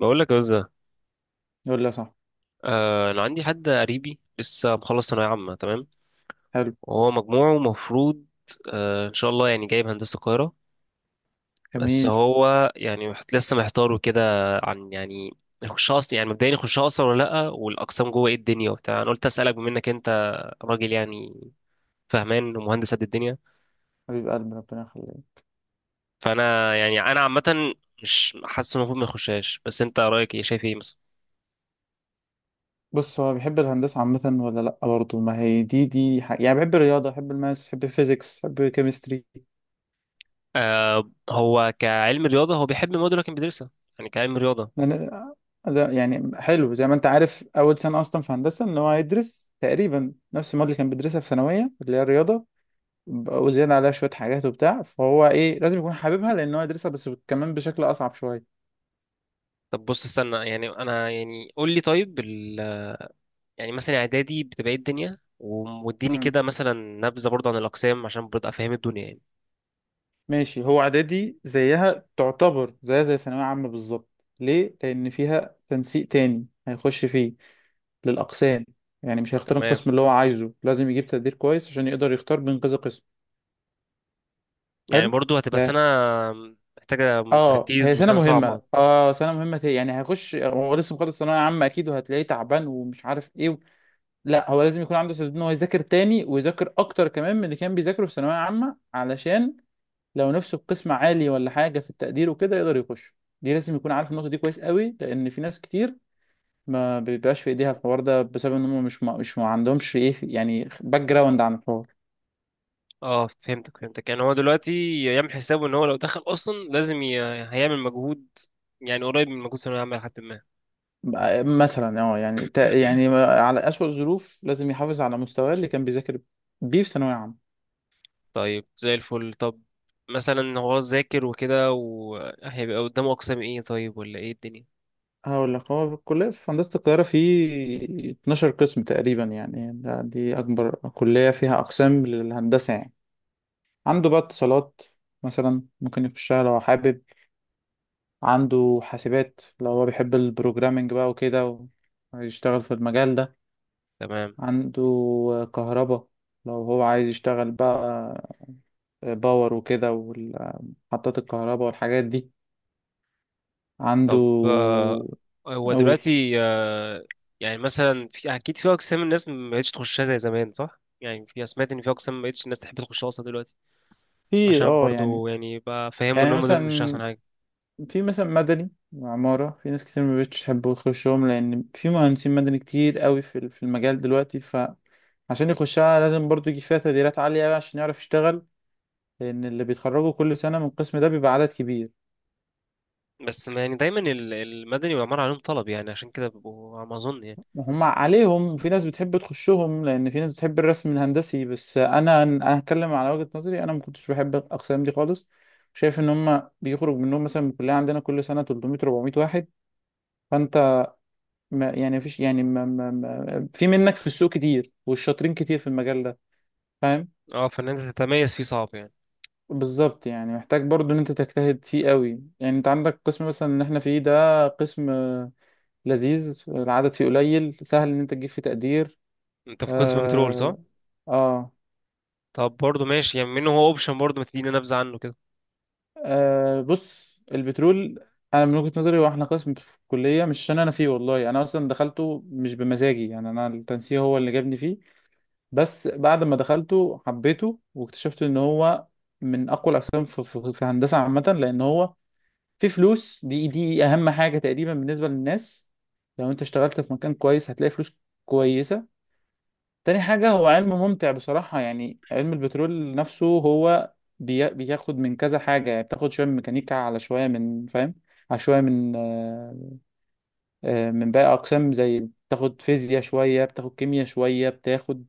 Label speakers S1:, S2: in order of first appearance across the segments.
S1: بقول لك يا وزة.
S2: يقول لي صح.
S1: آه، انا عندي حد قريبي لسه مخلص ثانويه عامه. تمام،
S2: حلو.
S1: وهو مجموعه المفروض ان شاء الله يعني جايب هندسه القاهره. بس
S2: جميل.
S1: هو يعني لسه محتار وكده. عن يعني يخشها اصلا، يعني مبدئيا يخشها اصلا ولا لا، والاقسام جوه ايه الدنيا وبتاع. انا قلت اسالك بما انك انت راجل يعني فهمان ومهندس قد الدنيا.
S2: حبيب قلبي، ربنا يخليك.
S1: فانا يعني انا عامه مش حاسس انه المفروض ما يخشهاش، بس انت رايك ايه، شايف ايه مثلا؟
S2: بص، هو بيحب الهندسة عامة ولا لأ؟ برضه ما هي دي حق. يعني بحب الرياضة، بحب الماس، بحب الفيزيكس، بحب الكيمستري.
S1: آه، هو كعلم رياضه هو بيحب المواد اللي كان بيدرسها، يعني كعلم رياضه.
S2: أنا ده يعني حلو. زي ما أنت عارف، أول سنة أصلا في هندسة إن هو هيدرس تقريبا نفس المواد اللي كان بيدرسها في ثانوية، اللي هي الرياضة، وزيادة عليها شوية حاجات وبتاع. فهو إيه، لازم يكون حاببها، لأن هو يدرسها بس كمان بشكل أصعب شوية.
S1: طب بص استنى، يعني انا يعني قول لي طيب يعني مثلا اعدادي بتبقى ايه الدنيا واديني كده مثلا نبذه برضه عن الاقسام عشان برضه افهم الدنيا يعني.
S2: ماشي، هو اعدادي زيها، تعتبر زيها زي ثانوية عامة بالظبط. ليه؟ لأن فيها تنسيق تاني هيخش فيه للأقسام. يعني مش هيختار
S1: تمام،
S2: القسم اللي هو عايزه، لازم يجيب تقدير كويس عشان يقدر يختار بين كذا قسم.
S1: يعني
S2: حلو؟
S1: برضه هتبقى
S2: لا.
S1: سنه محتاجه
S2: اه، هي
S1: تركيز
S2: سنة
S1: وسنه
S2: مهمة،
S1: صعبه.
S2: اه سنة مهمة تاني. يعني هيخش، هو لسه مخلص ثانوية عامة أكيد، وهتلاقيه تعبان ومش عارف إيه لا، هو لازم يكون عنده استعداد إن هو يذاكر تاني، ويذاكر أكتر كمان من اللي كان بيذاكره في ثانوية عامة، علشان لو نفسه في قسم عالي ولا حاجه في التقدير وكده يقدر يخش. دي لازم يكون عارف النقطه دي كويس قوي، لان في ناس كتير ما بيبقاش في ايديها الحوار ده بسبب ان هم مش ما مش ما عندهمش ايه يعني باك جراوند عن الحوار.
S1: اه فهمتك فهمتك، يعني هو دلوقتي يعمل حسابه ان هو لو دخل اصلا لازم هيعمل مجهود يعني قريب من مجهود ثانويه عامه لحد ما.
S2: بقى- مثلا اه يعني تا- يعني على اسوأ الظروف لازم يحافظ على مستواه اللي كان بيذاكر بيه في ثانويه عامه.
S1: طيب زي الفل. طب مثلا هو ذاكر وكده وهيبقى قدامه اقسام ايه طيب، ولا ايه الدنيا؟
S2: هقول لك، هو في الكلية في هندسة القاهرة في 12 قسم تقريبا، يعني دي أكبر كلية فيها أقسام للهندسة يعني. عنده بقى اتصالات مثلا، ممكن يخشها لو حابب. عنده حاسبات لو هو بيحب البروجرامينج بقى وكده، ويشتغل في المجال ده.
S1: تمام.
S2: عنده كهرباء لو هو عايز يشتغل بقى باور وكده، ومحطات الكهرباء والحاجات دي. عنده
S1: طب هو
S2: أقول
S1: دلوقتي يعني مثلا في اكيد في اقسام الناس ما بقتش تخشها زي زمان صح؟ يعني في سمعت ان في اقسام ما بقتش الناس تحب تخشها اصلا دلوقتي
S2: في
S1: عشان
S2: اه يعني.
S1: برضو يعني بقى فهموا ان
S2: يعني
S1: هم دول مش احسن
S2: مثلا
S1: حاجه.
S2: في مثلا مدني وعمارة، في ناس كتير ما بقتش تحب تخشهم، لأن في مهندسين مدني كتير قوي في المجال دلوقتي. فعشان يخشها لازم برضو يجي فيها تقديرات عالية عشان يعرف يشتغل، لأن اللي بيتخرجوا كل سنة من القسم ده بيبقى عدد كبير.
S1: بس ما يعني دايما المدني والعمارة عليهم طلب يعني، عشان كده بيبقوا على ما اظن يعني.
S2: هم عليهم، وفي ناس بتحب تخشهم لأن في ناس بتحب الرسم الهندسي. بس أنا هتكلم على وجهة نظري، أنا ما كنتش بحب الأقسام دي خالص. شايف إن هم بيخرج منهم مثلا من الكلية عندنا كل سنة 300 400 واحد. فأنت ما يعني مفيش يعني ما ما ما في منك في السوق كتير، والشاطرين كتير في المجال ده، فاهم.
S1: اه، فان انت تتميز فيه صعب يعني.
S2: بالظبط، يعني محتاج برضو ان انت تجتهد فيه قوي. يعني انت عندك قسم مثلا ان احنا فيه، ده قسم لذيذ، العدد فيه قليل، سهل ان انت تجيب فيه تقدير.
S1: انت في قسم بترول صح؟
S2: آه. اه.
S1: طب برضو ماشي، يعني منه هو اوبشن برضو، ما تدينا نبذه عنه كده.
S2: اه بص، البترول انا من وجهة نظري، واحنا قسم في الكلية، مش عشان انا فيه، والله انا اصلا دخلته مش بمزاجي، يعني انا التنسيق هو اللي جابني فيه. بس بعد ما دخلته حبيته، واكتشفت ان هو من اقوى الاقسام في هندسة عامة، لان هو فيه فلوس. دي اهم حاجة تقريبا بالنسبة للناس. لو انت اشتغلت في مكان كويس هتلاقي فلوس كويسة. تاني حاجة، هو علم ممتع بصراحة، يعني علم البترول نفسه هو بياخد من كذا حاجة. يعني بتاخد شوية من ميكانيكا، على شوية من فاهم، على شوية من من باقي أقسام. زي بتاخد فيزياء شوية، بتاخد كيمياء شوية، بتاخد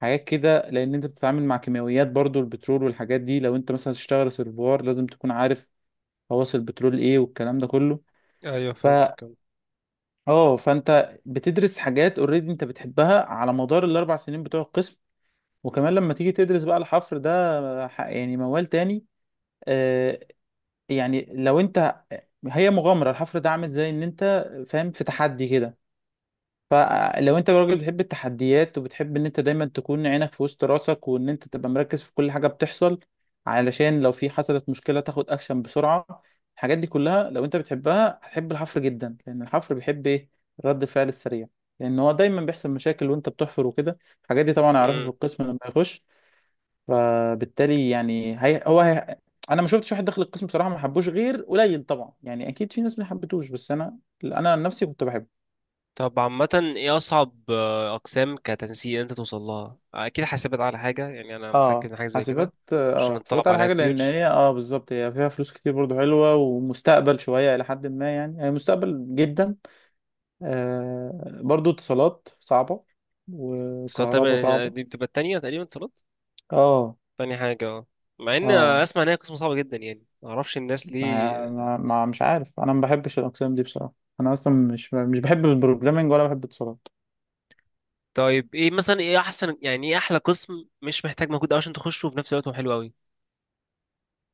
S2: حاجات كده، لأن أنت بتتعامل مع كيماويات برضو، البترول والحاجات دي. لو أنت مثلا تشتغل سيرفوار لازم تكون عارف خواص البترول إيه والكلام ده كله.
S1: ايوه
S2: ف
S1: فهمتك.
S2: اه فانت بتدرس حاجات اوريدي انت بتحبها على مدار الـ 4 سنين بتوع القسم. وكمان لما تيجي تدرس بقى الحفر ده يعني موال تاني. آه، يعني لو انت، هي مغامرة الحفر ده عامل زي ان انت، فاهم، في تحدي كده. فلو انت راجل بتحب التحديات، وبتحب ان انت دايما تكون عينك في وسط راسك، وان انت تبقى مركز في كل حاجة بتحصل، علشان لو في حصلت مشكلة تاخد اكشن بسرعة. الحاجات دي كلها لو انت بتحبها هتحب الحفر جدا، لان الحفر بيحب ايه، رد الفعل السريع، لان هو دايما بيحصل مشاكل وانت بتحفر وكده. الحاجات دي طبعا اعرفها في
S1: كم؟
S2: القسم لما يخش. فبالتالي يعني هي انا ما شفتش واحد دخل القسم بصراحه ما حبوش، غير قليل طبعا، يعني اكيد في ناس ما حبتوش، بس انا عن نفسي كنت بحبه.
S1: طب عامة ايه أصعب أقسام كتنسيق أنت توصل لها؟ أكيد حاسبت على حاجة، يعني أنا متأكد
S2: اه،
S1: إن حاجة زي كده
S2: حاسبات.
S1: عشان
S2: اه، حاسبات
S1: اتطلب
S2: على
S1: عليها
S2: حاجه، لان
S1: كتير.
S2: هي اه بالظبط هي فيها فلوس كتير برضو، حلوه ومستقبل شويه الى حد ما، يعني هي مستقبل جدا. آه، برضو اتصالات صعبه،
S1: اتصالات
S2: وكهرباء
S1: تقريبا
S2: صعبه.
S1: دي بتبقى التانية، تقريبا اتصالات
S2: اه.
S1: تاني حاجة. اه، مع إن
S2: اه،
S1: أسمع إن هي قسم صعبة جدا، يعني معرفش الناس ليه.
S2: مش عارف، انا ما بحبش الاقسام دي بصراحه. انا اصلا مش بحب البروجرامينج ولا بحب اتصالات.
S1: طيب ايه مثلا، ايه أحسن، يعني ايه أحلى قسم مش محتاج مجهود أوي عشان تخشه وفي نفس الوقت هو حلو أوي؟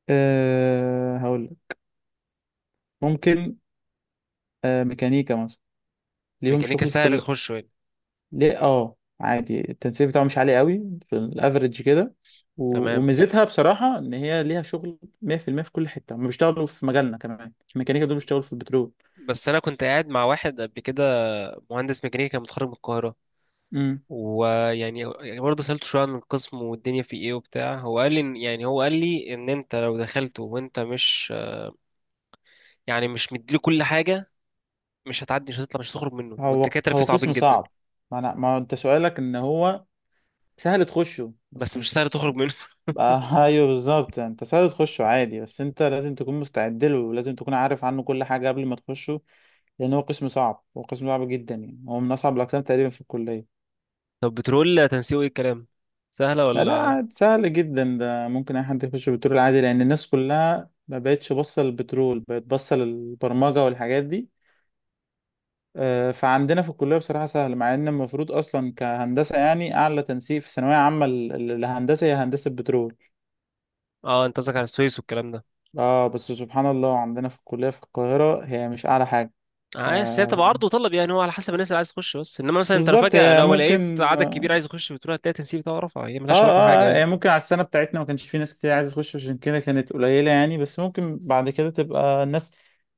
S2: أه، هقول لك. ممكن أه ميكانيكا مثلا، ليهم
S1: ميكانيكا
S2: شغل في
S1: سهل
S2: كل.
S1: تخشه يعني؟
S2: ليه؟ اه عادي، التنسيق بتاعه مش عالي قوي، في الافريج كده.
S1: تمام.
S2: وميزتها بصراحة ان هي ليها شغل 100% في المية، في كل حتة هم بيشتغلوا، في مجالنا كمان الميكانيكا دول بيشتغلوا في البترول.
S1: بس أنا كنت قاعد مع واحد قبل كده، مهندس ميكانيكا متخرج من القاهرة،
S2: امم.
S1: ويعني يعني برضه سألته شوية عن القسم والدنيا فيه ايه وبتاع، هو قال لي هو قال لي ان انت لو دخلته وانت مش مديله كل حاجة مش هتعدي، مش هتطلع، مش هتخرج منه،
S2: هو
S1: والدكاترة فيه
S2: هو
S1: صعبين
S2: قسم
S1: جدا.
S2: صعب. ما انا، ما انت سؤالك ان هو سهل تخشه بس
S1: بس مش سهل
S2: مش.
S1: تخرج منه
S2: آه، ايوه بالظبط، انت سهل تخشه عادي بس انت لازم تكون مستعد له، ولازم تكون عارف عنه كل حاجه قبل ما تخشه، لان هو قسم صعب، هو قسم صعب جدا، يعني هو من اصعب الاقسام تقريبا في الكليه.
S1: طب بترول تنسيقه ايه الكلام، سهلة
S2: لا لا،
S1: ولا؟
S2: عاد سهل جدا ده، ممكن اي حد يخش بترول عادي، لان الناس كلها ما بقتش باصه للبترول، بقت باصه للبرمجه والحاجات دي. آه، فعندنا في الكليه بصراحه سهل، مع ان المفروض اصلا كهندسه يعني اعلى تنسيق في ثانويه عامه للهندسه هي هندسه بترول.
S1: اه انت قصدك على السويس والكلام ده.
S2: اه بس سبحان الله عندنا في الكليه في القاهره هي مش اعلى حاجه. ف-
S1: عايز، هي بتبقى عرض وطلب يعني، هو على حسب الناس اللي عايز تخش، بس انما مثلا انت لو
S2: بالظبط،
S1: فجأة
S2: هي
S1: لو لقيت
S2: ممكن
S1: عدد
S2: اه،
S1: كبير عايز يخش بترول هتلاقي التنسيق بتاعه رفع، هي
S2: اه
S1: ملهاش علاقة بحاجة
S2: آه،
S1: يعني.
S2: هي ممكن على السنة بتاعتنا ما كانش في ناس كتير عايزة تخش، عشان كده كانت قليلة يعني. بس ممكن بعد كده تبقى الناس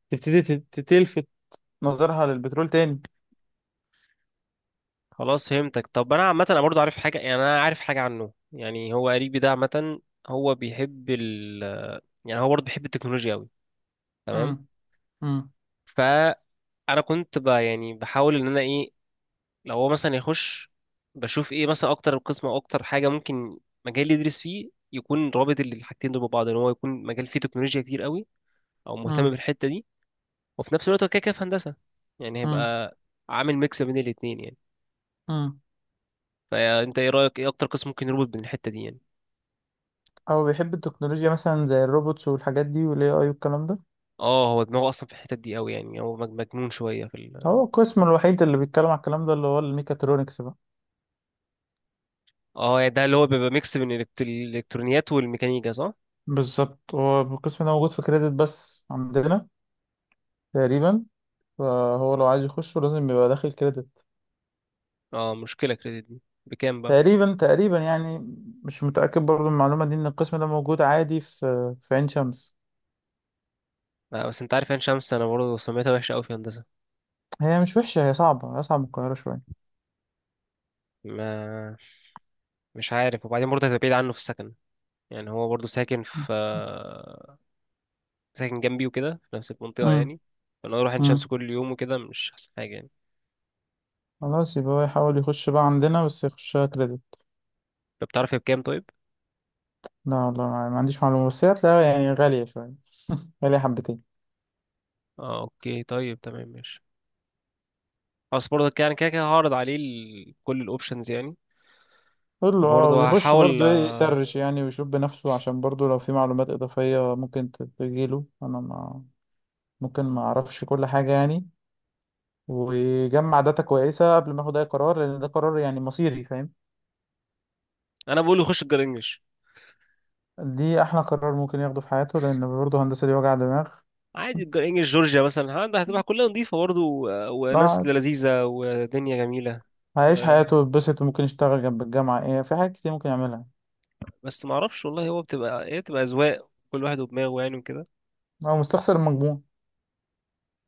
S2: تبتدي تلفت نظرها للبترول تاني.
S1: خلاص فهمتك. طب انا عامه انا برضو عارف حاجه، يعني انا عارف حاجه عنه، يعني هو قريبي ده عامه. هو بيحب ال هو برضو بيحب التكنولوجيا قوي، تمام؟
S2: مم. مم.
S1: فانا كنت ب... يعني بحاول ان انا ايه، لو هو مثلا يخش بشوف ايه مثلا اكتر قسم او اكتر حاجه ممكن مجال اللي يدرس فيه يكون رابط الحاجتين دول ببعض، ان هو يكون مجال فيه تكنولوجيا كتير قوي او مهتم
S2: مم.
S1: بالحته دي، وفي نفس الوقت هو كده كده في هندسه، يعني
S2: مم.
S1: هيبقى عامل ميكس بين الاتنين يعني.
S2: مم.
S1: فانت ايه رايك، ايه اكتر قسم ممكن يربط بين الحته دي يعني؟
S2: أو بيحب التكنولوجيا مثلا، زي الروبوتس والحاجات دي، والاي اي والكلام ده.
S1: اه، هو دماغه اصلا في الحتت دي قوي، يعني هو مجنون شويه في
S2: هو القسم الوحيد اللي بيتكلم على الكلام ده اللي هو الميكاترونكس بقى.
S1: اه يعني ده اللي هو بيبقى ميكس بين الالكترونيات والميكانيكا صح؟
S2: بالظبط، هو القسم ده موجود في كريدت بس عندنا تقريبا، فهو لو عايز يخشه لازم يبقى داخل كريدت.
S1: اه، مشكله كريدت دي بكام بقى؟
S2: تقريبا تقريبا يعني، مش متأكد برضو من المعلومة دي، إن القسم ده موجود عادي في عين شمس.
S1: آه بس انت عارف عين شمس انا برضه سميتها وحشه قوي في هندسه.
S2: هي مش وحشة، هي صعبة، أصعب من القاهرة شوية.
S1: ما مش عارف، وبعدين برضه هتبقى بعيد عنه في السكن، يعني هو برضه ساكن جنبي وكده في نفس المنطقه
S2: امم.
S1: يعني. فانا اروح عين شمس
S2: امم.
S1: كل يوم وكده مش احسن حاجه يعني.
S2: خلاص، يبقى هو يحاول يخش بقى عندنا بس يخشها كريدت.
S1: طب بتعرف هي بكام طيب؟
S2: لا والله، ما عنديش معلومة، بس هي هتلاقيها يعني غالية شوية، غالية حبتين.
S1: اه اوكي، طيب تمام ماشي. خلاص برضه يعني كده كده هعرض عليه كل الاوبشنز يعني،
S2: قول له اه،
S1: وبرضه
S2: ويخش
S1: هحاول.
S2: برضه ايه، يسرش يعني ويشوف بنفسه، عشان برضه لو في معلومات إضافية ممكن تجيله، أنا ما ممكن ما أعرفش كل حاجة يعني. ويجمع داتا كويسة قبل ما ياخد أي قرار، لأن ده قرار يعني مصيري، فاهم.
S1: انا بقول يخش الجرينجش،
S2: دي احلى قرار ممكن ياخده في حياته، لان برضه هندسة دي وجع دماغ.
S1: عادي. الجرينجش جورجيا مثلا، عندها هتبقى كلها نظيفه برضه وناس
S2: قاعد
S1: لذيذه ودنيا جميله
S2: هيعيش
S1: و...
S2: حياته ويتبسط، وممكن يشتغل جنب الجامعة، ايه، في حاجات كتير ممكن يعملها.
S1: بس ما اعرفش والله، هو بتبقى، هي بتبقى اذواق كل واحد ودماغه يعني وكده.
S2: هو مستخسر المجموع.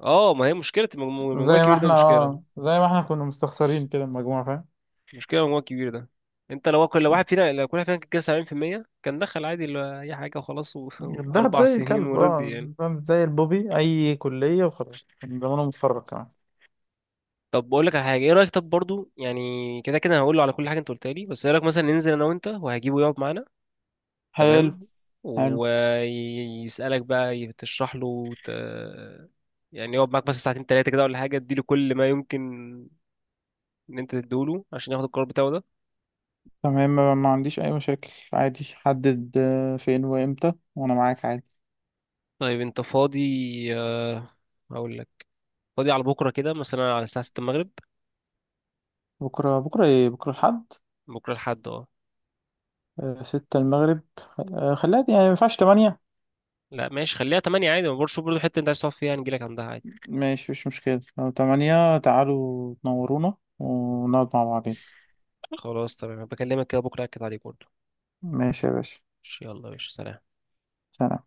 S1: اه، ما هي مشكله المجموع
S2: زي
S1: المجموع
S2: ما
S1: الكبير ده
S2: احنا،
S1: مشكله،
S2: اه زي ما احنا كنا مستخسرين كده المجموع، فاهم.
S1: مشكله المجموع الكبير ده. انت لو كل واحد فينا كان كده 70% كان دخل عادي اي حاجه وخلاص،
S2: الضغط
S1: واربع
S2: زي
S1: سنين
S2: الكلب،
S1: ورضي
S2: اه
S1: يعني.
S2: زي البوبي، اي كلية وخلاص كان زمانه متفرج كمان.
S1: طب بقول لك على حاجه، ايه رايك؟ طب برضو يعني كده كده هقول له على كل حاجه انت قلتها لي، بس ايه رايك مثلا ننزل انا وانت وهجيبه يقعد معانا؟
S2: حلو.
S1: تمام،
S2: حلو.
S1: ويسألك بقى تشرح له يعني يقعد معاك بس ساعتين تلاتة كده، ولا حاجة تديله كل ما يمكن إن أنت تديله عشان ياخد القرار بتاعه ده.
S2: تمام، ما عنديش اي مشاكل عادي، حدد فين وامتى وانا معاك عادي.
S1: طيب أنت فاضي؟ آه، هقول لك، فاضي على بكرة كده مثلا على الساعة 6 المغرب؟
S2: بكرة؟ بكرة ايه، بكرة الحد؟
S1: بكرة لحد اه،
S2: آه، 6 المغرب. آه، خليها يعني ما ينفعش 8؟
S1: لا ماشي خليها 8 عادي، ما برضه شوف برضه حتة أنت عايز تقعد فيها نجيلك عندها عادي.
S2: ماشي، مش مشكلة، لو 8 تعالوا تنورونا ونقعد مع بعضين.
S1: خلاص تمام، بكلمك كده بكرة أكد عليك برضه.
S2: ماشي يا باشا،
S1: ماشي، يلا يا باشا، سلام.
S2: سلام.